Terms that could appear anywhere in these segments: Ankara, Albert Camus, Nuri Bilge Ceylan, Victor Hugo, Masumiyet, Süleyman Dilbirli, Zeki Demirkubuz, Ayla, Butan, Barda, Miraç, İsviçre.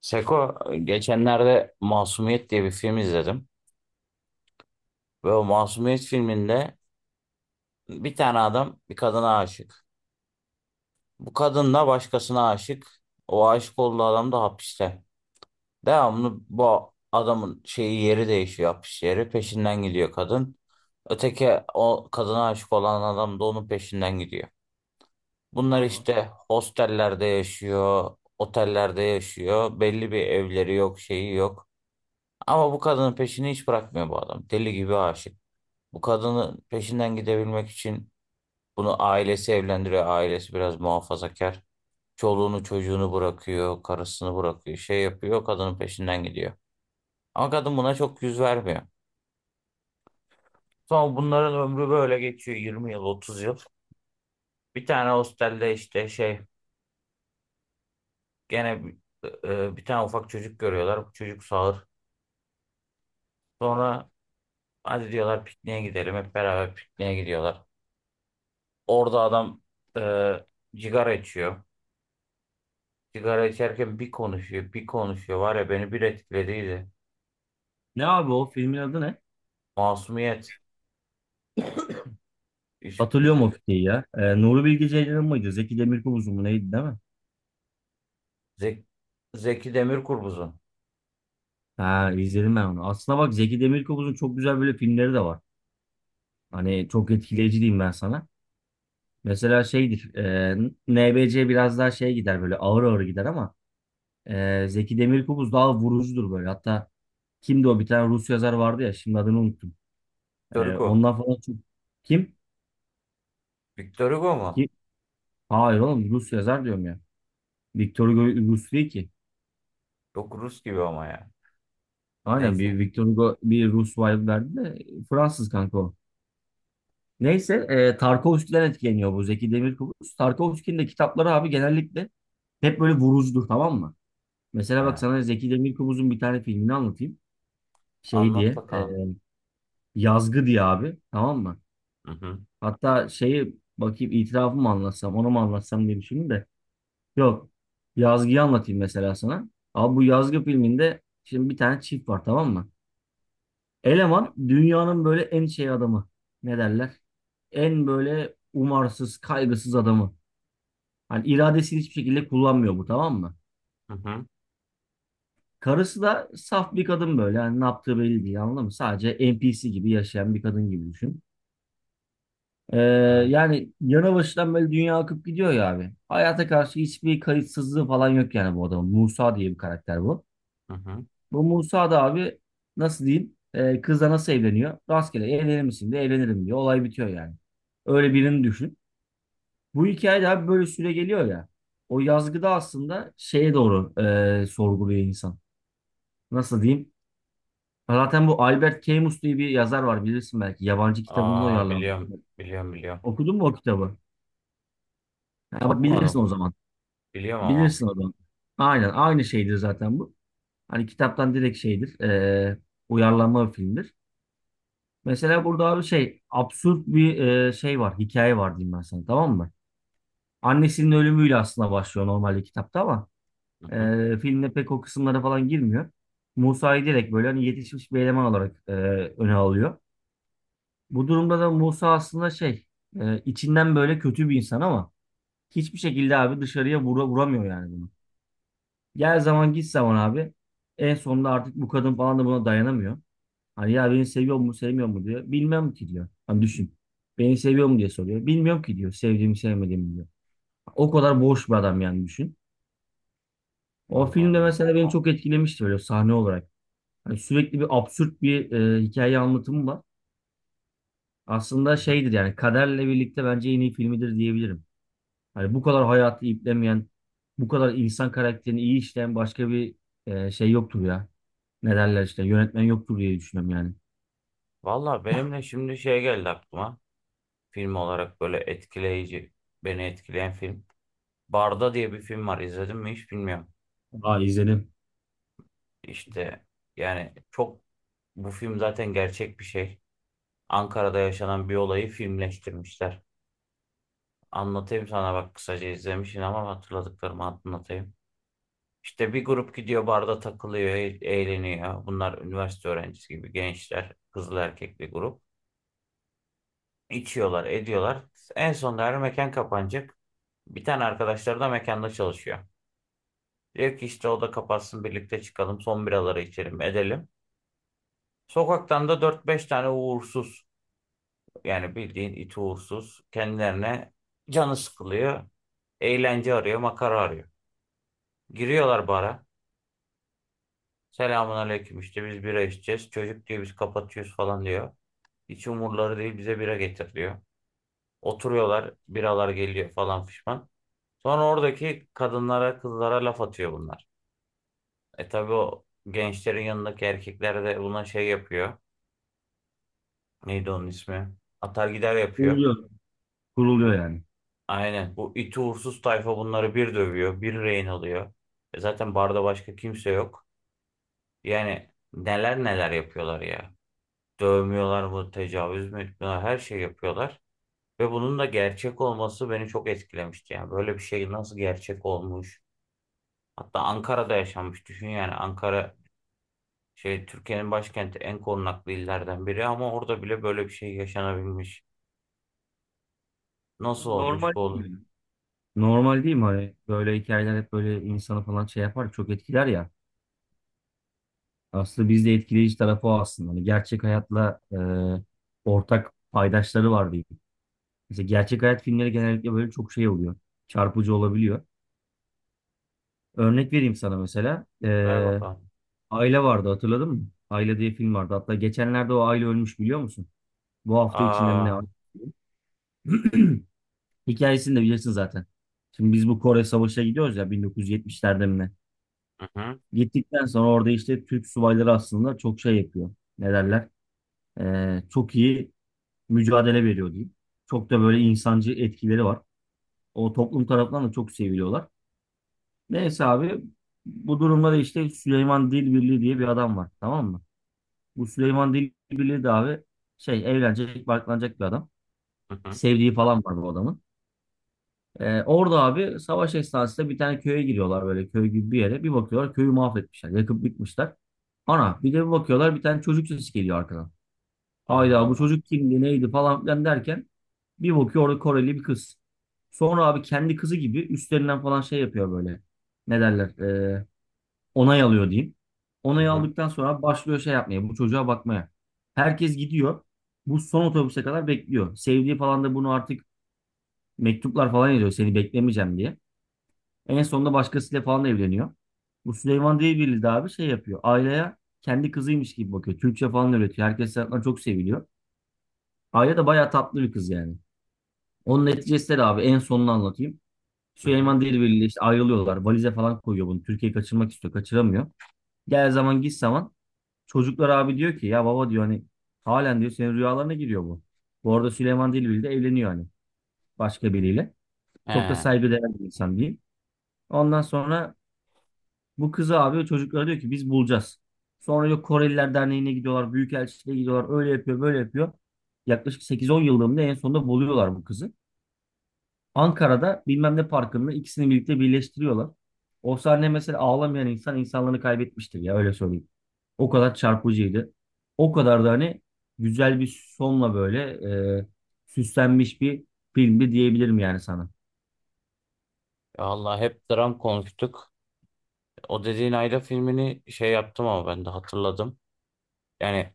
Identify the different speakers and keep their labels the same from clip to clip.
Speaker 1: Seko, geçenlerde Masumiyet diye bir film izledim. Ve o Masumiyet filminde bir tane adam bir kadına aşık. Bu kadın da başkasına aşık. O aşık olduğu adam da hapiste. Devamlı bu adamın şeyi yeri değişiyor hapis yeri. Peşinden gidiyor kadın. Öteki o kadına aşık olan adam da onun peşinden gidiyor. Bunlar
Speaker 2: Tamam.
Speaker 1: işte hostellerde yaşıyor, otellerde yaşıyor. Belli bir evleri yok, şeyi yok. Ama bu kadının peşini hiç bırakmıyor bu adam. Deli gibi aşık. Bu kadının peşinden gidebilmek için bunu ailesi evlendiriyor. Ailesi biraz muhafazakar. Çoluğunu çocuğunu bırakıyor, karısını bırakıyor, şey yapıyor, kadının peşinden gidiyor. Ama kadın buna çok yüz vermiyor. Sonra bunların ömrü böyle geçiyor 20 yıl, 30 yıl. Bir tane hostelde işte şey gene bir bir tane ufak çocuk görüyorlar. Bu çocuk sağır. Sonra hadi diyorlar pikniğe gidelim. Hep beraber pikniğe gidiyorlar. Orada adam e, cigara içiyor. Sigara içerken bir konuşuyor, bir konuşuyor. Var ya beni bir etkilediydi.
Speaker 2: Ne abi o filmin adı ne?
Speaker 1: Masumiyet.
Speaker 2: Hatırlıyorum o
Speaker 1: İzledim.
Speaker 2: fikri ya. Nuri Bilge Ceylan mıydı? Zeki Demirkubuz'un mu neydi değil mi?
Speaker 1: Zek- Zeki Demirkubuz'un.
Speaker 2: Ha izledim ben onu. Aslına bak Zeki Demirkubuz'un çok güzel böyle filmleri de var. Hani çok etkileyici diyeyim ben sana. Mesela şeydir. NBC biraz daha şey gider böyle ağır ağır gider ama Zeki Demirkubuz daha vurucudur böyle. Hatta kimdi o bir tane Rus yazar vardı ya şimdi adını unuttum.
Speaker 1: Victor
Speaker 2: E,
Speaker 1: Hugo.
Speaker 2: ondan falan çok... Kim?
Speaker 1: Victor Hugo mu?
Speaker 2: Kim? Hayır oğlum Rus yazar diyorum ya. Victor Hugo Rus değil ki.
Speaker 1: Yok Rus gibi ama ya.
Speaker 2: Aynen bir
Speaker 1: Neyse.
Speaker 2: Victor Hugo bir Rus vibe verdi de Fransız kanka o. Neyse Tarkovski'den etkileniyor bu Zeki Demirkubuz. Tarkovski'nin de kitapları abi genellikle hep böyle vurucudur, tamam mı? Mesela bak
Speaker 1: Ha,
Speaker 2: sana Zeki Demirkubuz'un bir tane filmini anlatayım. Şey
Speaker 1: Anlat
Speaker 2: diye e,
Speaker 1: bakalım.
Speaker 2: Yazgı diye abi, tamam mı?
Speaker 1: Hı hı.
Speaker 2: Hatta şeyi bakayım, itirafımı mı anlatsam onu mu anlatsam diye düşündüm de. Yok, Yazgı'yı anlatayım mesela sana. Abi bu Yazgı filminde şimdi bir tane çift var, tamam mı? Eleman dünyanın böyle en şey adamı. Ne derler? En böyle umarsız, kaygısız adamı. Hani iradesini hiçbir şekilde kullanmıyor bu, tamam mı?
Speaker 1: Hı hı.
Speaker 2: Karısı da saf bir kadın böyle. Yani ne yaptığı belli değil, anladın mı? Sadece NPC gibi yaşayan bir kadın gibi düşün. Ee,
Speaker 1: Evet.
Speaker 2: yani yana başından böyle dünya akıp gidiyor ya abi. Hayata karşı hiçbir kayıtsızlığı falan yok yani bu adamın. Musa diye bir karakter bu.
Speaker 1: Hı hı.
Speaker 2: Bu Musa da abi nasıl diyeyim? E, kızla nasıl evleniyor? Rastgele evlenir misin de evlenirim diyor. Olay bitiyor yani. Öyle birini düşün. Bu hikaye de abi böyle süre geliyor ya. O yazgıda aslında şeye doğru sorguluyor insan. Nasıl diyeyim? Zaten bu Albert Camus diye bir yazar var, bilirsin belki. Yabancı kitabından
Speaker 1: Aa
Speaker 2: uyarlanmış.
Speaker 1: biliyorum. Biliyorum biliyorum.
Speaker 2: Okudun mu o kitabı? Ha, bak bilirsin
Speaker 1: Okumadım.
Speaker 2: o zaman.
Speaker 1: Biliyorum ama.
Speaker 2: Bilirsin o zaman. Aynen aynı şeydir zaten bu. Hani kitaptan direkt şeydir. Uyarlanma bir filmdir. Mesela burada abi şey absürt bir şey var, hikaye var diyeyim ben sana, tamam mı? Annesinin ölümüyle aslında başlıyor normalde kitapta ama
Speaker 1: Hı hı.
Speaker 2: filmde pek o kısımlara falan girmiyor. Musa'yı direkt böyle hani yetişmiş bir eleman olarak öne alıyor. Bu durumda da Musa aslında şey içinden böyle kötü bir insan ama hiçbir şekilde abi dışarıya vuramıyor yani bunu. Gel zaman git zaman abi, en sonunda artık bu kadın falan da buna dayanamıyor. Hani ya beni seviyor mu sevmiyor mu diyor. Bilmem ki diyor. Hani düşün. Beni seviyor mu diye soruyor. Bilmiyorum ki diyor. Sevdiğimi sevmediğimi diyor. O kadar boş bir adam yani düşün. O
Speaker 1: Allah
Speaker 2: filmde
Speaker 1: Allah.
Speaker 2: mesela beni çok etkilemişti böyle sahne olarak. Hani sürekli bir absürt bir hikaye anlatımı var. Aslında
Speaker 1: Hı hı.
Speaker 2: şeydir yani kaderle birlikte bence en iyi filmidir diyebilirim. Hani bu kadar hayatı iplemeyen, bu kadar insan karakterini iyi işleyen başka bir şey yoktur ya. Ne derler işte, yönetmen yoktur diye düşünüyorum yani.
Speaker 1: Valla benimle şimdi şey geldi aklıma. Film olarak böyle etkileyici, beni etkileyen film. Barda diye bir film var. İzledin mi hiç bilmiyorum.
Speaker 2: Aa, izledim.
Speaker 1: İşte yani çok bu film zaten gerçek bir şey. Ankara'da yaşanan bir olayı filmleştirmişler. Anlatayım sana bak kısaca izlemişsin ama hatırladıklarımı anlatayım. İşte bir grup gidiyor barda takılıyor, eğleniyor. Bunlar üniversite öğrencisi gibi gençler, kızlı erkekli grup. İçiyorlar, ediyorlar. En sonunda her mekan kapanacak. Bir tane arkadaşları da mekanda çalışıyor. Diyor ki işte o da kapatsın birlikte çıkalım, son biraları içelim, edelim. Sokaktan da dört beş tane uğursuz yani bildiğin iti uğursuz kendilerine canı sıkılıyor. Eğlence arıyor, makara arıyor. Giriyorlar bara. Selamun aleyküm işte biz bira içeceğiz. Çocuk diyor biz kapatıyoruz falan diyor. Hiç umurları değil bize bira getir diyor. Oturuyorlar biralar geliyor falan fişman. Sonra oradaki kadınlara kızlara laf atıyor bunlar. E tabi o gençlerin yanındaki erkekler de buna şey yapıyor. Neydi onun ismi? Atar gider yapıyor.
Speaker 2: Kuruluyor. Kuruluyor
Speaker 1: Bu
Speaker 2: yani.
Speaker 1: Aynen. Bu iti uğursuz tayfa bunları bir dövüyor, bir rehin alıyor. E zaten barda başka kimse yok. Yani neler neler yapıyorlar ya. Dövmüyorlar mı, tecavüz mü etmiyorlar, her şey yapıyorlar. Ve bunun da gerçek olması beni çok etkilemişti. Yani böyle bir şey nasıl gerçek olmuş? Hatta Ankara'da yaşanmış. Düşün yani Ankara şey Türkiye'nin başkenti en korunaklı illerden biri ama orada bile böyle bir şey yaşanabilmiş. Nasıl
Speaker 2: Normal
Speaker 1: olmuş bu
Speaker 2: değil
Speaker 1: oğlum?
Speaker 2: mi? Normal değil mi? Hani böyle hikayeler hep böyle insanı falan şey yapar, çok etkiler ya. Aslında bizde etkileyici tarafı o aslında. Hani gerçek hayatla ortak paydaşları var diyeyim. Mesela gerçek hayat filmleri genellikle böyle çok şey oluyor. Çarpıcı olabiliyor. Örnek vereyim sana mesela. E,
Speaker 1: Ver bakalım.
Speaker 2: Aile vardı hatırladın mı? Aile diye film vardı. Hatta geçenlerde o aile ölmüş biliyor musun? Bu hafta içinde mi ne
Speaker 1: Aa,
Speaker 2: var? Hikayesini de bilirsin zaten. Şimdi biz bu Kore Savaşı'na gidiyoruz ya, 1970'lerde mi ne?
Speaker 1: hı hı,
Speaker 2: Gittikten sonra orada işte Türk subayları aslında çok şey yapıyor. Ne derler? Çok iyi mücadele veriyor diyeyim. Çok da böyle insancı etkileri var. O toplum tarafından da çok seviliyorlar. Neyse abi, bu durumda da işte Süleyman Dilbirli diye bir adam var. Tamam mı? Bu Süleyman Dilbirli de abi şey, evlenecek, barklanacak bir adam.
Speaker 1: hı hı.
Speaker 2: Sevdiği falan var bu adamın. Orada abi savaş esnasında bir tane köye giriyorlar böyle, köy gibi bir yere. Bir bakıyorlar köyü mahvetmişler. Yakıp bitmişler. Ana bir de bir bakıyorlar bir tane çocuk sesi geliyor arkadan.
Speaker 1: Allah
Speaker 2: Hayda, bu
Speaker 1: Allah.
Speaker 2: çocuk kimdi neydi falan filan derken bir bakıyor orada Koreli bir kız. Sonra abi kendi kızı gibi üstlerinden falan şey yapıyor böyle. Ne derler? Onay alıyor diyeyim.
Speaker 1: Hı
Speaker 2: Onay
Speaker 1: hı.
Speaker 2: aldıktan sonra başlıyor şey yapmaya, bu çocuğa bakmaya. Herkes gidiyor. Bu son otobüse kadar bekliyor. Sevdiği falan da bunu artık mektuplar falan yazıyor seni beklemeyeceğim diye. En sonunda başkasıyla falan evleniyor. Bu Süleyman Demirel de abi şey yapıyor. Ayla'ya kendi kızıymış gibi bakıyor. Türkçe falan öğretiyor. Herkes tarafından çok seviliyor. Ayla da bayağı tatlı bir kız yani. Onun neticesi de abi en sonunu anlatayım.
Speaker 1: Hı hı.
Speaker 2: Süleyman Demirel ile işte ayrılıyorlar. Valize falan koyuyor bunu. Türkiye'yi kaçırmak istiyor. Kaçıramıyor. Gel zaman git zaman. Çocuklar abi diyor ki ya baba diyor, hani halen diyor senin rüyalarına giriyor bu. Bu arada Süleyman Demirel de evleniyor hani başka biriyle. Çok da
Speaker 1: He,
Speaker 2: saygıdeğer bir insan diyeyim. Ondan sonra bu kızı abi çocuklara diyor ki biz bulacağız. Sonra yok, Koreliler Derneği'ne gidiyorlar. Büyükelçiliğe gidiyorlar. Öyle yapıyor böyle yapıyor. Yaklaşık 8-10 yıllığında en sonunda buluyorlar bu kızı. Ankara'da bilmem ne parkında ikisini birlikte birleştiriyorlar. O sahne mesela ağlamayan insan insanlığını kaybetmiştir ya, öyle söyleyeyim. O kadar çarpıcıydı. O kadar da hani güzel bir sonla böyle e, süslenmiş bir filmdi diyebilirim yani sana.
Speaker 1: vallahi hep dram konuştuk. O dediğin Ayla filmini şey yaptım ama ben de hatırladım. Yani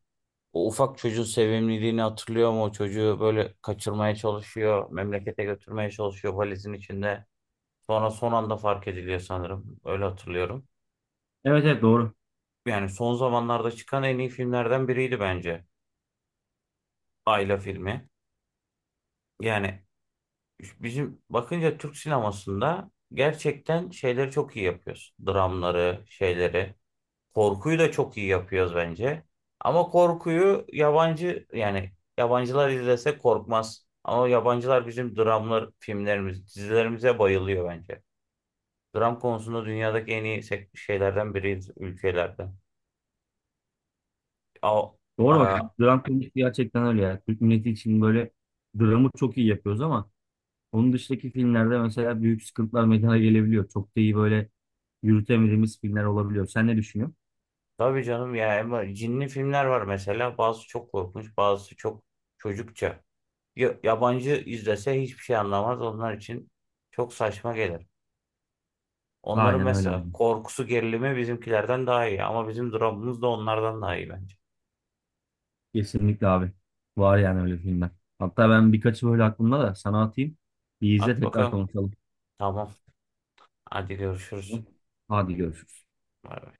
Speaker 1: o ufak çocuğun sevimliliğini hatırlıyor mu? O çocuğu böyle kaçırmaya çalışıyor, memlekete götürmeye çalışıyor valizin içinde. Sonra son anda fark ediliyor sanırım. Öyle hatırlıyorum.
Speaker 2: Evet evet, doğru.
Speaker 1: Yani son zamanlarda çıkan en iyi filmlerden biriydi bence Ayla filmi. Yani bizim bakınca Türk sinemasında gerçekten şeyleri çok iyi yapıyoruz. Dramları, şeyleri. Korkuyu da çok iyi yapıyoruz bence. Ama korkuyu yabancı yani yabancılar izlese korkmaz. Ama yabancılar bizim dramlar, filmlerimiz, dizilerimize bayılıyor bence. Dram konusunda dünyadaki en iyi şeylerden biriyiz ülkelerden. A,
Speaker 2: Doğru bak.
Speaker 1: a,
Speaker 2: Dram konusu gerçekten öyle ya. Türk milleti için böyle dramı çok iyi yapıyoruz ama onun dışındaki filmlerde mesela büyük sıkıntılar meydana gelebiliyor. Çok da iyi böyle yürütemediğimiz filmler olabiliyor. Sen ne düşünüyorsun?
Speaker 1: tabii canım ya ama cinli filmler var mesela. Bazısı çok korkunç, bazısı çok çocukça. Yabancı izlese hiçbir şey anlamaz. Onlar için çok saçma gelir. Onların
Speaker 2: Aynen öyle abi.
Speaker 1: mesela korkusu gerilimi bizimkilerden daha iyi ama bizim dramımız da onlardan daha iyi bence.
Speaker 2: Kesinlikle abi. Var yani öyle filmler. Hatta ben birkaçı böyle aklımda da sana atayım. Bir izle
Speaker 1: At
Speaker 2: tekrar
Speaker 1: bakalım.
Speaker 2: konuşalım.
Speaker 1: Tamam. Hadi görüşürüz.
Speaker 2: Hadi görüşürüz.
Speaker 1: Bay bay.